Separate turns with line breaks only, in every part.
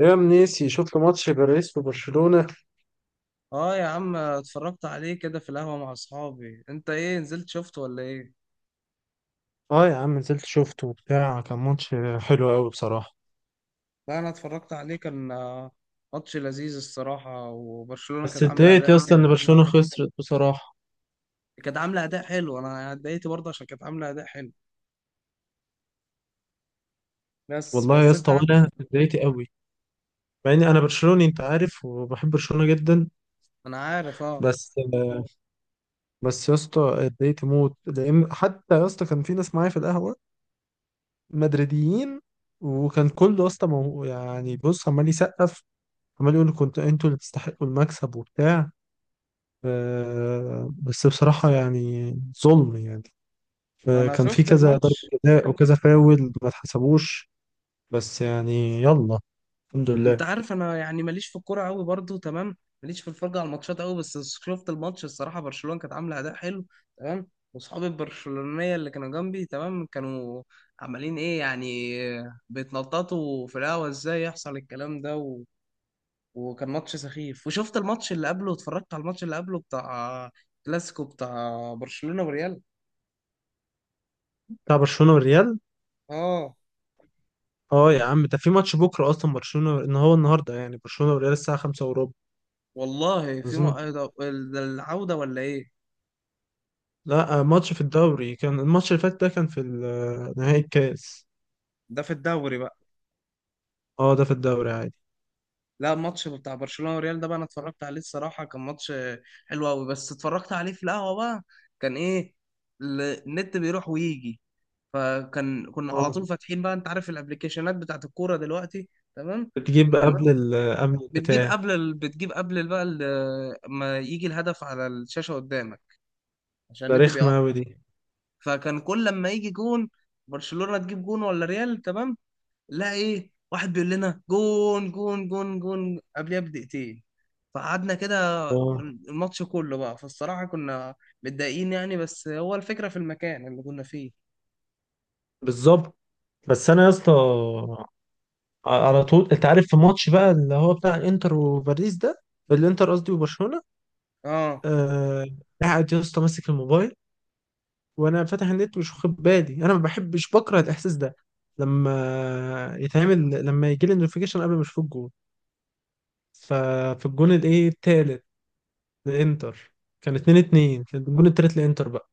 يا منيسي، شفت ماتش باريس وبرشلونة.
اه يا عم، اتفرجت عليه كده في القهوة مع اصحابي. انت ايه، نزلت شفته ولا ايه؟
اه يا عم، نزلت شفته وبتاع. كان ماتش حلو قوي بصراحة.
لا انا اتفرجت عليه. كان ماتش لذيذ الصراحة، وبرشلونة
بس
كانت عاملة
اتضايقت
اداء
يا اسطى
حلو.
ان برشلونة خسرت بصراحة.
كانت عاملة اداء حلو، انا اتضايقت برضه عشان كانت عاملة اداء حلو. بس
والله يا
بس انت
اسطى،
ع-
وانا اتضايقت قوي مع اني انا برشلوني، انت عارف، وبحب برشلونة جدا.
انا عارف، اه.
بس بس يا اسطى اتضايقت موت، لان حتى يا اسطى كان في ناس معايا في القهوة مدريديين. وكان كله يا اسطى يعني بص، عمال يسقف، عمال يقول كنت انتوا اللي تستحقوا المكسب وبتاع. بس بصراحة يعني ظلم يعني.
ما انا
فكان في
شفت
كذا ضربة
الماتش.
جزاء وكذا فاول ما اتحسبوش. بس يعني يلا، الحمد لله.
انت عارف انا يعني ماليش في الكوره قوي، برضو تمام، ماليش في الفرجه على الماتشات قوي. بس شفت الماتش، الصراحه برشلونه كانت عامله اداء حلو، تمام. واصحابي البرشلونيه اللي كانوا جنبي، تمام، كانوا عمالين ايه يعني، بيتنططوا في القهوه. ازاي يحصل الكلام ده؟ وكان ماتش سخيف. وشفت الماتش اللي قبله، اتفرجت على الماتش اللي قبله بتاع كلاسيكو بتاع برشلونه وريال.
بتاع برشلونة والريال.
اه
اه يا عم، ده في ماتش بكرة اصلا، برشلونة، ان هو النهارده يعني برشلونة والريال الساعة 5 وربع.
والله.
عايزين-
ده ده العوده ولا ايه؟
لا ماتش في الدوري. كان الماتش اللي فات ده كان في نهائي الكاس.
ده في الدوري بقى.
اه ده في الدوري عادي.
لا الماتش بتاع برشلونة وريال ده بقى انا اتفرجت عليه، الصراحة كان ماتش حلو قوي، بس اتفرجت عليه في القهوة بقى. كان ايه، النت بيروح ويجي، فكان كنا على
اه
طول فاتحين بقى، انت عارف الابلكيشنات بتاعت الكورة دلوقتي، تمام.
بتجيب
كان
قبل ال قبل
بتجيب
البتاع
قبل ال... بتجيب قبل ال- بقى ال... ما يجي الهدف على الشاشة قدامك، عشان
ده
النت
رخمة أوي
بيقطع.
دي.
فكان كل لما يجي جون، برشلونة تجيب جون ولا ريال، تمام، لا ايه، واحد بيقول لنا جون جون جون جون قبلها بدقيقتين. فقعدنا كده
اه
الماتش كله بقى. فالصراحة كنا متضايقين يعني، بس هو الفكرة في المكان اللي كنا فيه.
بالظبط. بس انا يا اسطى، على طول انت عارف، في ماتش بقى اللي هو بتاع الانتر وباريس ده. الانتر قصدي وبرشلونه.
اه،
آه، قاعد يا اسطى ماسك الموبايل وانا فاتح النت مش واخد بالي. انا ما بحبش بكره الاحساس ده لما يتعمل، لما يجي لي النوتيفيكيشن قبل ما اشوف الجول. ففي الجون الايه التالت للانتر، كان 2 2. كان الجون التالت للانتر بقى.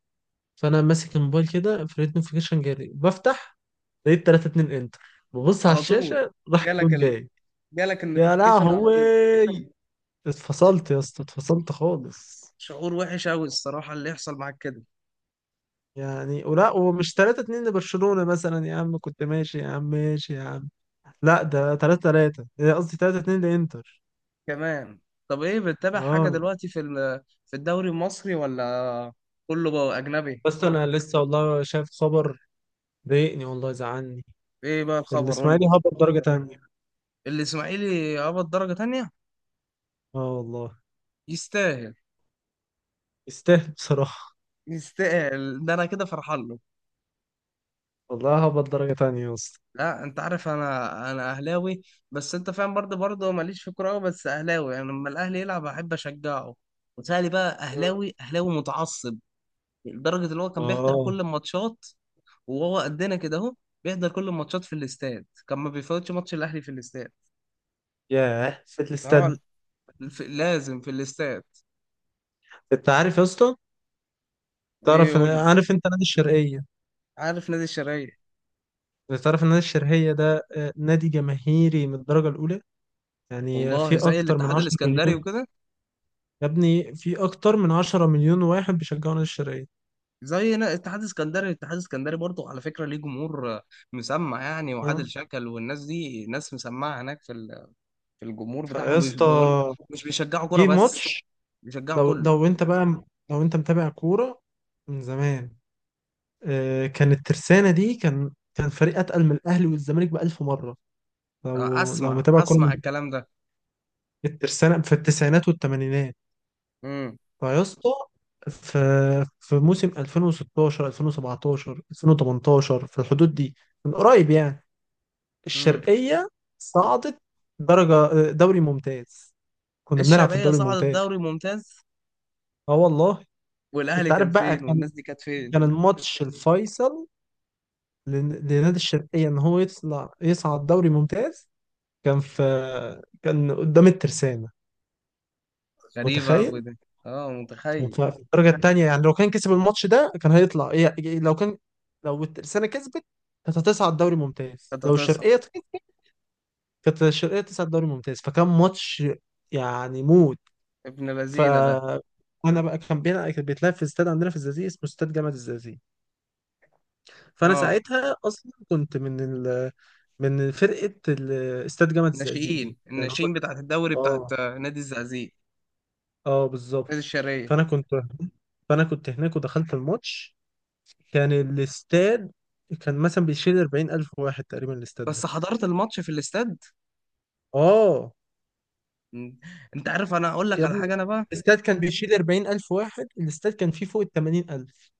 فانا ماسك الموبايل كده فلقيت نوتيفيكيشن جالي بفتح، لقيت 3 2 انتر. ببص على
على طول.
الشاشه راح
جالك
الجون
ال...
جاي.
جالك
يا
النوتيفيكيشن على
لهوي،
طول.
اتفصلت يا اسطى، اتفصلت خالص.
شعور وحش قوي الصراحة اللي يحصل معاك كده.
يعني ولا ومش 3 2 لبرشلونة مثلا يا عم؟ كنت ماشي يا عم، ماشي يا عم. لا ده 3 3، قصدي 3 2 لإنتر.
كمان؟ طب ايه، بتتابع حاجة
اه
دلوقتي في الدوري المصري ولا كله بقى أجنبي؟
بس انا لسه والله شايف خبر ضايقني والله، زعلني.
ايه بقى الخبر، قول لي.
الاسماعيلي هبط درجة تانية.
الإسماعيلي هبط درجة تانية؟
اه والله.
يستاهل.
يستاهل بصراحة.
يستاهل، ده انا كده فرحان له.
والله هبط درجة تانية يا اسطى.
لا انت عارف، انا اهلاوي، بس انت فاهم، برضه ماليش في كوره أوي، بس اهلاوي يعني، لما الاهلي يلعب احب اشجعه. وتهيألي بقى اهلاوي اهلاوي متعصب، لدرجه ان هو كان بيحضر
اه.
كل الماتشات، وهو قدنا كده اهو، بيحضر كل الماتشات في الاستاد، كان ما بيفوتش ماتش الاهلي في الاستاد.
ياه في
فهو
الاستاد.
ال- لازم في الاستاد.
انت عارف يا اسطى،
ايه يقول لي؟
عارف انت نادي الشرقية؟
عارف نادي الشرقية،
انت تعرف ان نادي الشرقية ده نادي جماهيري من الدرجة الأولى. يعني
والله
في
زي
أكتر من
الاتحاد
10
الاسكندري
مليون.
وكده.
يا ابني، في أكتر من 10 مليون واحد بيشجعوا نادي الشرقية.
زي نا- اتحاد اسكندري الاتحاد الاسكندري برضه، على فكرة ليه جمهور مسمع يعني،
اه.
وعادل شكل، والناس دي ناس مسمعة هناك في الجمهور
فيا
بتاعهم
اسطى،
بقول، مش بيشجعوا كرة
جه
بس،
ماتش.
بيشجعوا
لو
كله.
لو أنت بقى، لو أنت متابع كورة من زمان، كان الترسانة دي، كان فريق أتقل من الأهلي والزمالك بألف مرة. لو
اسمع
متابع كورة من
اسمع الكلام ده.
الترسانة في التسعينات والثمانينات.
امم.
فيا اسطى، في في موسم 2016 2017 2018 في الحدود دي، من قريب يعني.
امم.
الشرقية صعدت درجة دوري ممتاز. كنا بنلعب في
الشرقية
الدوري
صعدت
الممتاز.
دوري ممتاز،
اه والله.
والاهلي
انت عارف
كان
بقى،
فين،
كان
والناس دي كانت فين؟
كان الماتش الفيصل لنادي الشرقية ان هو يطلع يصعد دوري ممتاز. كان في، كان قدام الترسانة.
غريبة قوي
متخيل.
ده. اه متخيل.
في الدرجة التانية يعني، لو كان كسب الماتش ده كان هيطلع إيه؟ لو كان، لو الترسانة كسبت كانت هتصعد دوري ممتاز.
كانت
لو
هتصعد.
الشرقية كسبت، كانت الشرقية تصعد دوري ممتاز. فكان ماتش يعني موت.
ابن
ف،
لذينه ده.
انا بقى كان بينا، كان بيتلعب في استاد عندنا في الزقازيق اسمه استاد جامعة الزقازيق. فانا
اه
ساعتها اصلا كنت من من استاد جامعة الزقازيق
ناشئين،
دي يعني هم.
الناشئين بتاعت الدوري بتاعت
اه
نادي الزقازيق،
اه بالظبط.
نادي الشرقية.
فانا كنت فانا كنت هناك ودخلت الماتش. كان الاستاد كان مثلا بيشيل 40000 واحد تقريبا الاستاد
بس
ده.
حضرت الماتش في الاستاد.
اه
مم. انت عارف، انا اقول لك
يا
على
ابني،
حاجه انا بقى.
الاستاد كان بيشيل 40000 واحد، الاستاد كان فيه فوق ال 80000.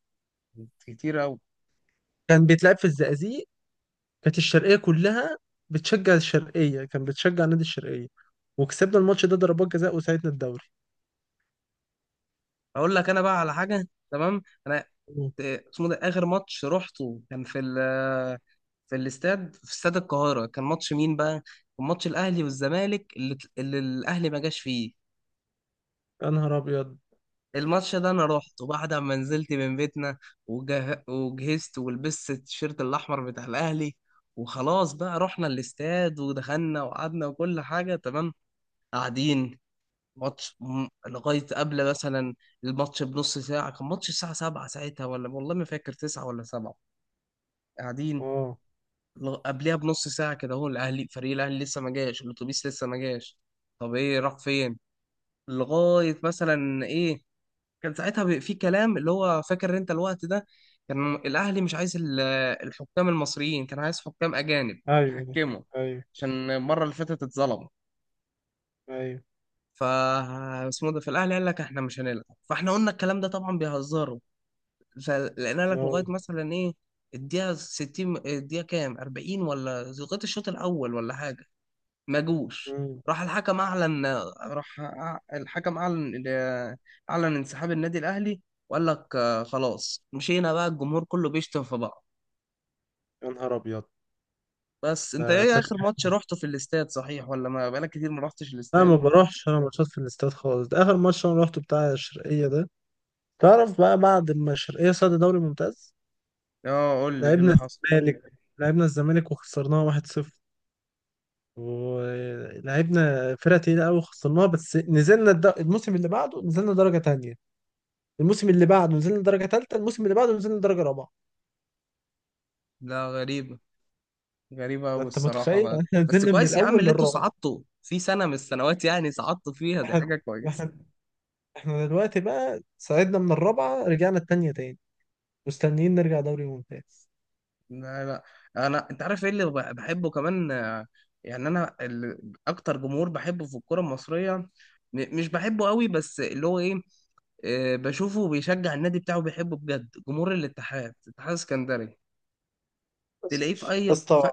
كتير قوي.
كان بيتلعب في الزقازيق. كانت الشرقية كلها بتشجع الشرقية، كان بتشجع نادي الشرقية. وكسبنا الماتش ده ضربات جزاء وساعدنا الدوري.
اقول لك انا بقى على حاجه، تمام. انا
مم.
ت- اسمه ده، اخر ماتش رحته كان في ال في الاستاد في استاد القاهره. كان ماتش مين بقى؟ كان ماتش الاهلي والزمالك، اللي الاهلي ما جاش فيه.
يا نهار ابيض.
الماتش ده انا رحته بعد ما نزلت من بيتنا، وجهزت ولبست التيشيرت الاحمر بتاع الاهلي، وخلاص بقى رحنا الاستاد ودخلنا وقعدنا، وكل حاجه تمام. قاعدين. لغاية قبل مثلا الماتش بنص ساعة، كان ماتش الساعة سبعة ساعتها، ولا والله ما فاكر، تسعة ولا سبعة. قاعدين،
اه.
قبلها بنص ساعة كده، هو الأهلي فريق الأهلي لسه ما جاش، الأتوبيس لسه ما جاش. طب إيه، راح فين؟ لغاية مثلا إيه. كان ساعتها في كلام، اللي هو فاكر أنت الوقت ده، كان الأهلي مش عايز الحكام المصريين، كان عايز حكام أجانب
ايوه
يحكموا،
ايوه
عشان المرة اللي فاتت اتظلم.
ايوه.
ف اسمه ده في الاهلي قال لك احنا مش هنلعب، فاحنا قلنا الكلام ده طبعا بيهزروا. فلقينا
نو.
لك لغايه مثلا ايه، الدقيقه 60 الدقيقه كام، 40، ولا لغايه الشوط الاول ولا حاجه، ما جوش.
مم.
راح الحكم اعلن راح أع- الحكم اعلن، اعلن انسحاب النادي الاهلي. وقال لك خلاص مشينا بقى، الجمهور كله بيشتم في بعض.
يا نهار ابيض.
بس انت
ده
ايه،
كانت،
اخر ماتش رحته في الاستاد صحيح، ولا ما بقالك كتير ما رحتش
انا
الاستاد؟
ما بروحش، انا ماتشات في الاستاد خالص. ده اخر ماتش انا روحته بتاع الشرقية ده. تعرف بقى، بعد ما الشرقية صعد دوري ممتاز،
اه قول لي ايه اللي
لعبنا
حصل.
الزمالك. لعبنا الزمالك وخسرناها 1-0. ولعبنا فرقة تقيلة أوي وخسرناها. بس نزلنا الموسم اللي بعده نزلنا درجة تانية. الموسم اللي بعده نزلنا درجة تالتة. الموسم اللي بعده نزلنا درجة رابعة.
لا غريب، غريبة
ده
أوي
أنت
الصراحة
متخيل؟
بقى.
احنا
بس
نزلنا من
كويس يا عم،
الأول
اللي انتوا
للرابعة.
صعدتوا في سنة من السنوات يعني، صعدتوا فيها دي
احنا
حاجة كويسة.
احنا احنا دلوقتي بقى صعدنا من الرابعة رجعنا التانية تاني. مستنيين نرجع دوري ممتاز.
لا لا، أنا أنت عارف إيه اللي بحبه كمان، يعني أنا أكتر جمهور بحبه في الكرة المصرية، مش بحبه قوي، بس اللي هو إيه، بشوفه بيشجع النادي بتاعه، بيحبه بجد، جمهور الاتحاد، الاتحاد السكندري.
بس.
تلاقيه
يا اسطى.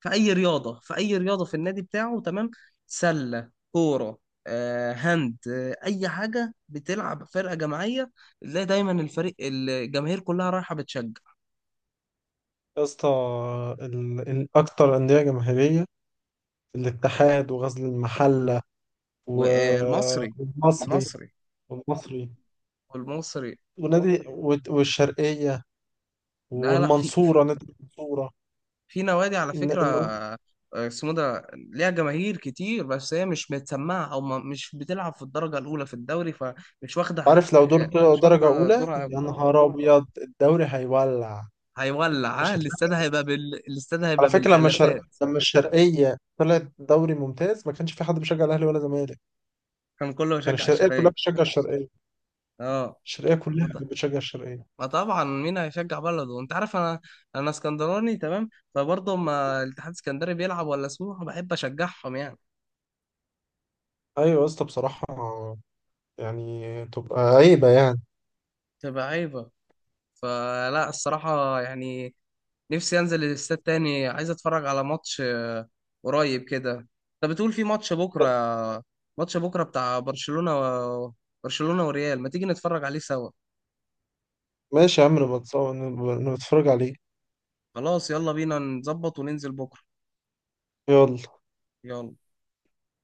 في اي رياضه في النادي بتاعه، تمام، سله، كوره، هاند، اي حاجه بتلعب فرقه جماعيه، تلاقي دايما الفريق الجماهير كلها رايحه بتشجع.
يا اسطى، الأكتر أندية جماهيرية الاتحاد وغزل المحلة
والمصري.
والمصري.
المصري.
والمصري.
والمصري.
ونادي والشرقية.
لا لا،
والمنصورة، نادي المنصورة.
في نوادي على
إن-
فكره،
إن-
آه، اسمه ده ليها جماهير كتير، بس هي مش متسمعه، او مش بتلعب في الدرجه الاولى في الدوري، فمش واخده
عارف لو دور
مش
درجة
واخده
أولى
دورها قوي.
يا نهار أبيض الدوري هيولع.
هيولع، ها
مش
الاستاد
هتلاقي.
هيبقى الاستاد
على
هيبقى
فكرة،
بالالافات.
لما الشرقية طلعت دوري ممتاز ما كانش في حد بيشجع الأهلي ولا زمالك.
كان كله
كان
يشجع
الشرقية كلها
الشرقية،
بتشجع الشرقية.
اه.
الشرقية
ما
كلها كانت
ط-
بتشجع الشرقية.
ما طبعا مين هيشجع بلده، انت عارف انا، انا اسكندراني، تمام. فبرضه اما الاتحاد الاسكندري بيلعب ولا سموحة، بحب اشجعهم يعني.
أيوة يا اسطى بصراحة، يعني تبقى عيبة يعني.
تبقى عيبة. فلا الصراحة يعني، نفسي انزل الاستاد تاني، عايز اتفرج على ماتش قريب كده. انت بتقول في ماتش بكرة، ماتش بكرة بتاع برشلونة برشلونة وريال، ما تيجي نتفرج عليه سوا؟
ماشي يا عم، نبقى نتفرج عليه.
خلاص يلا بينا نظبط وننزل بكرة.
يلا.
يلا.